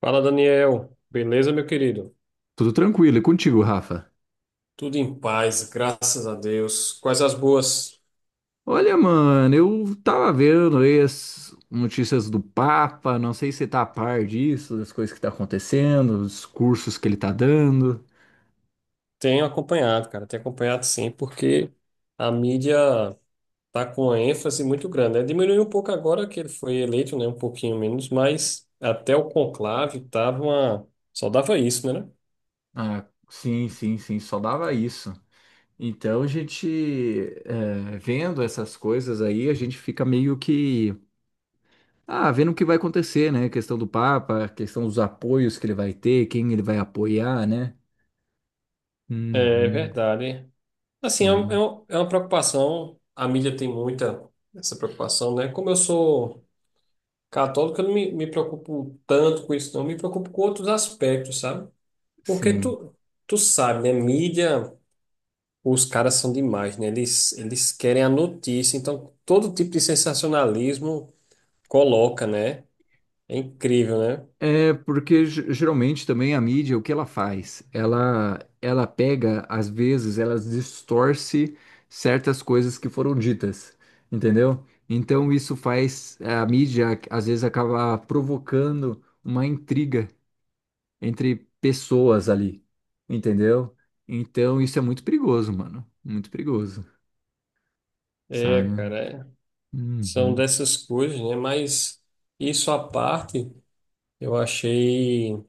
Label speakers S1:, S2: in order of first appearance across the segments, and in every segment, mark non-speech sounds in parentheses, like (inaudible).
S1: Fala, Daniel. Beleza, meu querido?
S2: Tudo tranquilo, e contigo, Rafa?
S1: Tudo em paz, graças a Deus. Quais as boas?
S2: Olha, mano, eu tava vendo aí as notícias do Papa, não sei se você tá a par disso, das coisas que tá acontecendo, os cursos que ele tá dando.
S1: Tenho acompanhado, cara. Tenho acompanhado sim, porque a mídia tá com uma ênfase muito grande, né? Diminuiu um pouco agora que ele foi eleito, né? Um pouquinho menos, mas até o conclave tava uma só dava isso, né?
S2: Ah, sim, sim, sim, só dava isso. Então a gente, vendo essas coisas aí, a gente fica meio que, ah, vendo o que vai acontecer, né? Questão do Papa, questão dos apoios que ele vai ter, quem ele vai apoiar, né?
S1: É
S2: Uhum,
S1: verdade. Assim, é, um- é
S2: sim,
S1: um- é uma preocupação. A mídia tem muita essa preocupação, né? Como eu sou católico, eu não me preocupo tanto com isso, não. Me preocupo com outros aspectos, sabe? Porque
S2: sim.
S1: tu, tu sabe, né? Mídia, os caras são demais, né? Eles querem a notícia. Então, todo tipo de sensacionalismo coloca, né? É incrível, né?
S2: É porque geralmente também a mídia, o que ela faz? Ela pega, às vezes, ela distorce certas coisas que foram ditas, entendeu? Então isso faz a mídia, às vezes, acaba provocando uma intriga entre pessoas ali, entendeu? Então isso é muito perigoso, mano. Muito perigoso,
S1: É,
S2: sabe?
S1: cara. É. São
S2: Uhum.
S1: dessas coisas, né? Mas isso à parte, eu achei.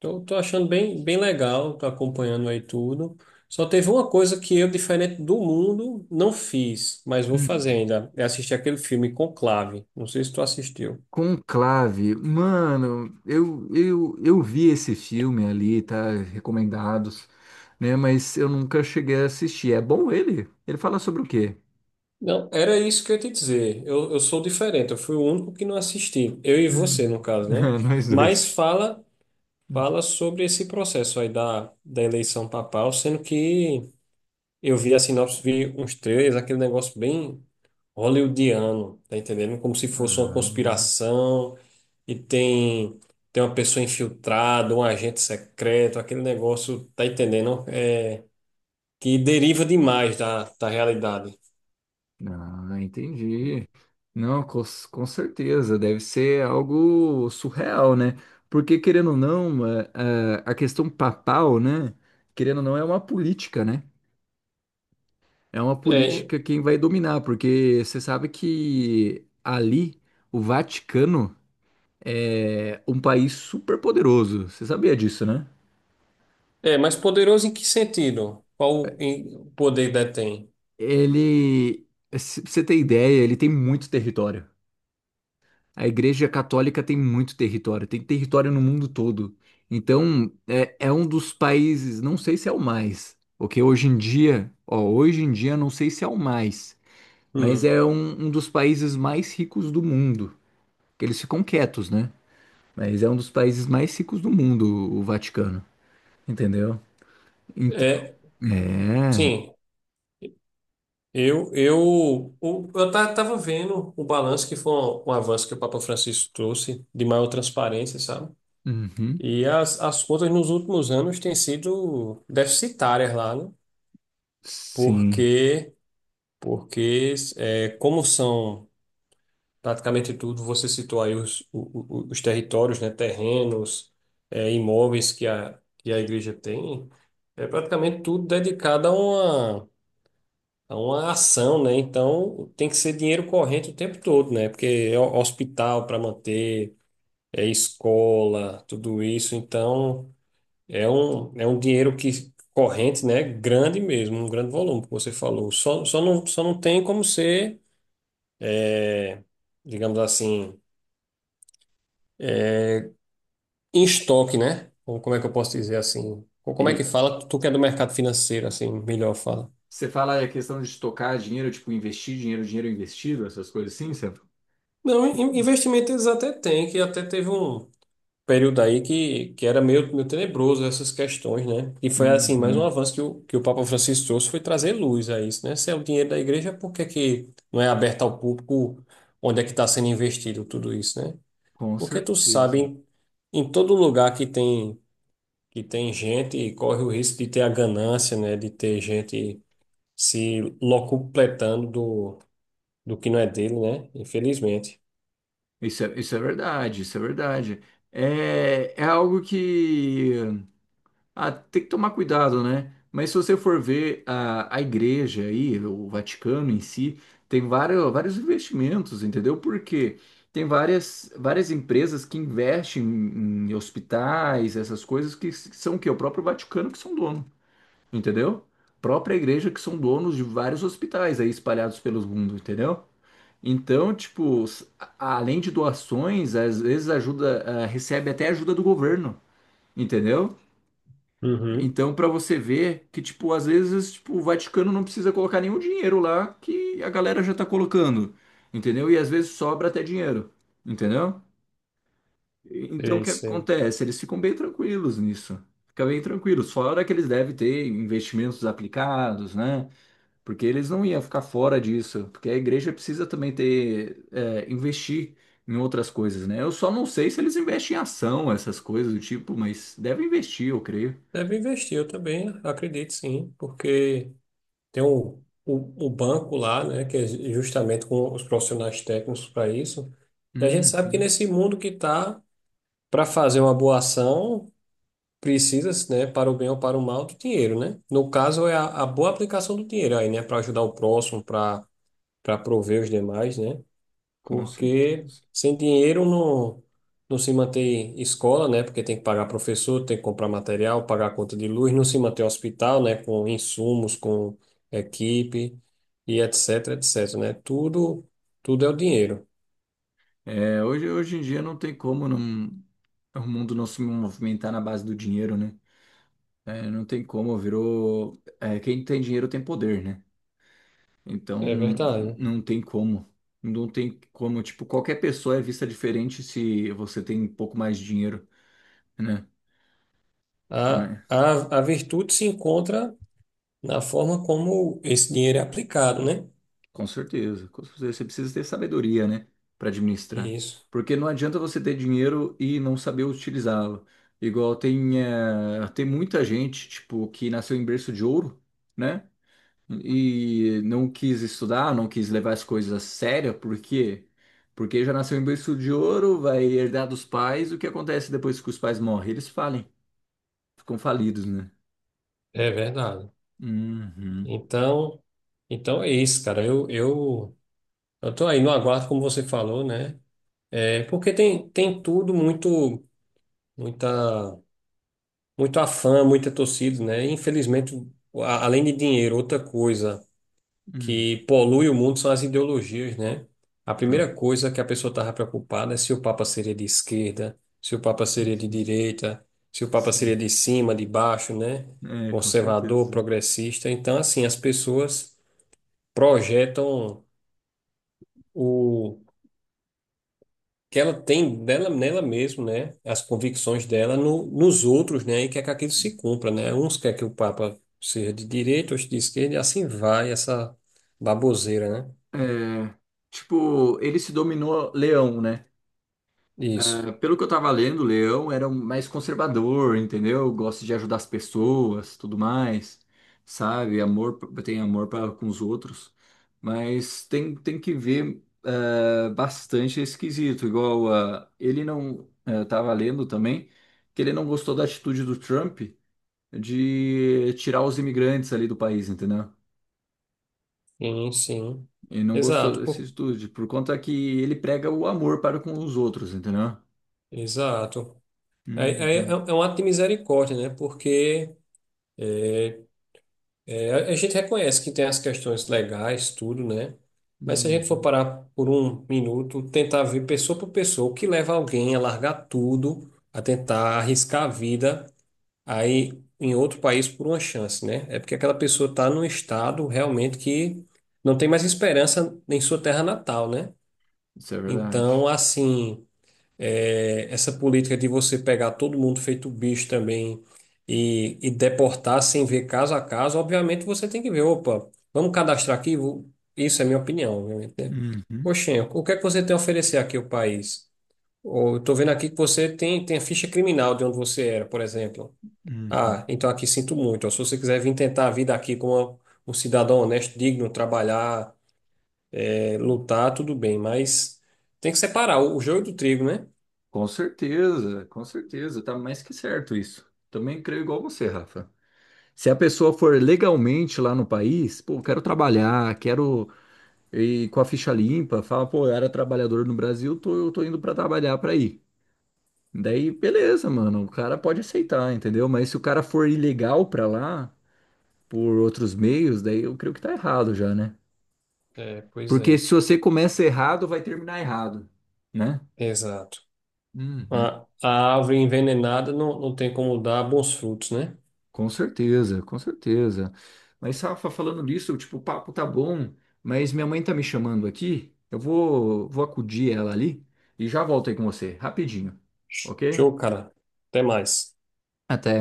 S1: Tô achando bem, bem legal, tô acompanhando aí tudo. Só teve uma coisa que eu, diferente do mundo, não fiz, mas vou fazer
S2: Uhum.
S1: ainda. É assistir aquele filme Conclave. Não sei se tu assistiu.
S2: Conclave, mano, eu vi esse filme ali, tá? Recomendados, né? Mas eu nunca cheguei a assistir. É bom ele? Ele fala sobre o quê?
S1: Não, era isso que eu ia te dizer. Eu sou diferente, eu fui o único que não assisti. Eu e você, no
S2: Hum, (laughs)
S1: caso, né?
S2: Nós
S1: Mas
S2: dois.
S1: fala,
S2: Hum.
S1: fala sobre esse processo aí da eleição papal, sendo que eu vi a sinopse, vi uns trailers, aquele negócio bem hollywoodiano, tá entendendo? Como se fosse uma
S2: Ah,
S1: conspiração. E tem uma pessoa infiltrada, um agente secreto, aquele negócio, tá entendendo? É, que deriva demais da realidade.
S2: ah, entendi. Não, com certeza, deve ser algo surreal, né? Porque, querendo ou não, a questão papal, né? Querendo ou não, é uma política, né? É uma
S1: É, em-
S2: política quem vai dominar, porque você sabe que ali o Vaticano é um país super poderoso. Você sabia disso, né?
S1: É, mas poderoso em que sentido? O poder detém?
S2: Ele, pra você ter ideia, ele tem muito território. A Igreja Católica tem muito território, tem território no mundo todo. Então, é um dos países, não sei se é o mais, porque hoje em dia, ó, hoje em dia não sei se é o mais, mas
S1: Hum,
S2: é um, um dos países mais ricos do mundo, que eles ficam quietos, né? Mas é um dos países mais ricos do mundo, o Vaticano, entendeu? Então,
S1: é,
S2: é.
S1: sim, eu tava vendo o balanço que foi um, um avanço que o Papa Francisco trouxe de maior transparência, sabe?
S2: Uhum,
S1: E as contas nos últimos anos têm sido deficitárias lá, né?
S2: sim.
S1: Porque porque é, como são praticamente tudo, você citou aí os territórios, né, terrenos, é, imóveis que que a igreja tem, é praticamente tudo dedicado a a uma ação, né? Então tem que ser dinheiro corrente o tempo todo, né? Porque é hospital para manter, é escola, tudo isso, então é um dinheiro que corrente, né? Grande mesmo, um grande volume, como você falou. Só não tem como ser, digamos assim, em estoque, né? Ou como é que eu posso dizer assim? Ou como é que
S2: E
S1: fala? Tu que é do mercado financeiro, assim, melhor fala.
S2: Você fala a questão de tocar dinheiro, tipo, investir dinheiro, dinheiro investido, essas coisas assim, certo?
S1: Não, investimento eles até têm, que até teve um período aí que era meio, meio tenebroso essas questões, né? E foi, assim, mais um
S2: Uhum,
S1: avanço que o Papa Francisco trouxe foi trazer luz a isso, né? Se é o dinheiro da igreja, por que que não é aberto ao público onde é que está sendo investido tudo isso, né?
S2: com
S1: Porque tu
S2: certeza.
S1: sabe, em, em todo lugar que tem gente e corre o risco de ter a ganância, né? De ter gente se locupletando do, do que não é dele, né? Infelizmente.
S2: Isso é verdade, isso é verdade. É, é algo que... Ah, tem que tomar cuidado, né? Mas se você for ver a igreja aí, o Vaticano em si, tem vários, vários investimentos, entendeu? Porque tem várias, várias empresas que investem em, em hospitais, essas coisas que são o quê? O próprio Vaticano que são dono, entendeu? Própria igreja que são donos de vários hospitais aí espalhados pelo mundo, entendeu? Então, tipo, além de doações, às vezes ajuda, ah, recebe até ajuda do governo, entendeu?
S1: Uhum.
S2: Então, pra você ver que, tipo, às vezes, tipo, o Vaticano não precisa colocar nenhum dinheiro lá que a galera já tá colocando, entendeu? E às vezes sobra até dinheiro, entendeu? Então,
S1: É
S2: o que
S1: isso.
S2: acontece? Eles ficam bem tranquilos nisso. Fica bem tranquilos. Fora que eles devem ter investimentos aplicados, né? Porque eles não iam ficar fora disso. Porque a igreja precisa também ter, é, investir em outras coisas, né? Eu só não sei se eles investem em ação, essas coisas do tipo, mas devem investir, eu creio.
S1: Deve investir, eu também acredito sim, porque tem o banco lá, né? Que é justamente com os profissionais técnicos para isso. E a gente sabe que
S2: Uhum.
S1: nesse mundo que tá, para fazer uma boa ação, precisa, né, para o bem ou para o mal, do dinheiro, né? No caso, é a boa aplicação do dinheiro aí, né? Para ajudar o próximo, para prover os demais, né?
S2: Com
S1: Porque
S2: certeza.
S1: sem dinheiro não, não se mantém escola, né? Porque tem que pagar professor, tem que comprar material, pagar a conta de luz, não se mantém hospital, né? Com insumos, com equipe e etc, etc, né? Tudo, tudo é o dinheiro.
S2: É, hoje, hoje em dia não tem como não, o mundo não se movimentar na base do dinheiro, né? É, não tem como, virou. É, quem tem dinheiro tem poder, né? Então
S1: É verdade.
S2: não tem como. Não tem como, tipo, qualquer pessoa é vista diferente se você tem um pouco mais de dinheiro,
S1: A,
S2: né?
S1: a, a virtude se encontra na forma como esse dinheiro é aplicado, né?
S2: Com certeza, com certeza. Você precisa ter sabedoria, né, para administrar.
S1: Isso,
S2: Porque não adianta você ter dinheiro e não saber utilizá-lo. Igual tem, tem muita gente, tipo, que nasceu em berço de ouro, né, e não quis estudar, não quis levar as coisas a sério, por quê? Porque já nasceu em berço de ouro, vai herdar dos pais. O que acontece depois que os pais morrem? Eles falem, ficam falidos, né?
S1: é verdade.
S2: Uhum.
S1: Então, então é isso, cara. Eu tô aí no aguardo, como você falou, né? É, porque tem, tem tudo muito, muita, muito afã, muita torcida, né? E, infelizmente, além de dinheiro, outra coisa
S2: Hum.
S1: que polui o mundo são as ideologias, né? A
S2: Ah.
S1: primeira coisa que a pessoa estava preocupada é se o Papa seria de esquerda, se o Papa seria de
S2: (laughs)
S1: direita, se o Papa seria
S2: Sim.
S1: de cima, de baixo, né?
S2: É, com
S1: Conservador,
S2: certeza.
S1: progressista. Então, assim, as pessoas projetam o que ela tem dela, nela mesmo, né? As convicções dela no, nos outros, né? E quer que aquilo se cumpra, né? Uns quer que o Papa seja de direita, outros de esquerda, e assim vai essa baboseira, né?
S2: É, tipo, ele se dominou Leão, né?
S1: Isso.
S2: É, pelo que eu tava lendo, Leão era um mais conservador, entendeu? Gosta de ajudar as pessoas, tudo mais, sabe? Amor, tem amor pra, com os outros, mas tem, tem que ver é, bastante esquisito. Igual a, ele não é, tava lendo também que ele não gostou da atitude do Trump de tirar os imigrantes ali do país, entendeu?
S1: Sim, sim.
S2: E não gostou
S1: Exato,
S2: dessa
S1: pô.
S2: atitude, por conta que ele prega o amor para com os outros, entendeu?
S1: Exato. Aí- aí É,
S2: Uhum.
S1: é um ato de misericórdia, né? Porque eh, é, a gente reconhece que tem as questões legais, tudo, né? Mas se a gente for
S2: Uhum.
S1: parar por um minuto, tentar ver pessoa por pessoa, o que leva alguém a largar tudo, a tentar arriscar a vida aí em outro país por uma chance, né? É porque aquela pessoa está num estado realmente que não tem mais esperança em sua terra natal, né?
S2: Isso é verdade.
S1: Então, assim. É, essa política de você pegar todo mundo feito bicho também e deportar sem ver caso a caso, obviamente você tem que ver, opa, vamos cadastrar aqui? Isso é minha opinião, obviamente, né?
S2: Uhum,
S1: Oxê, o que é que você tem a oferecer aqui ao país? Ou eu tô vendo aqui que você tem a ficha criminal de onde você era, por exemplo. Ah,
S2: uhum.
S1: então aqui sinto muito. Ou se você quiser vir tentar a vida aqui como um cidadão honesto, digno, trabalhar, é, lutar, tudo bem, mas tem que separar o joio do trigo, né?
S2: Com certeza, tá mais que certo isso. Também creio igual você, Rafa. Se a pessoa for legalmente lá no país, pô, quero trabalhar, quero ir com a ficha limpa, fala, pô, eu era trabalhador no Brasil, tô, eu tô indo pra trabalhar pra ir. Daí, beleza, mano, o cara pode aceitar, entendeu? Mas se o cara for ilegal pra lá, por outros meios, daí eu creio que tá errado já, né?
S1: É, pois
S2: Porque
S1: é.
S2: se você começa errado, vai terminar errado, né?
S1: Exato.
S2: Uhum.
S1: A árvore envenenada não, não tem como dar bons frutos, né?
S2: Com certeza, com certeza. Mas, Rafa, falando disso, tipo, o papo tá bom, mas minha mãe tá me chamando aqui. Vou acudir ela ali e já volto aí com você, rapidinho, ok?
S1: Show, cara. Até mais.
S2: Até.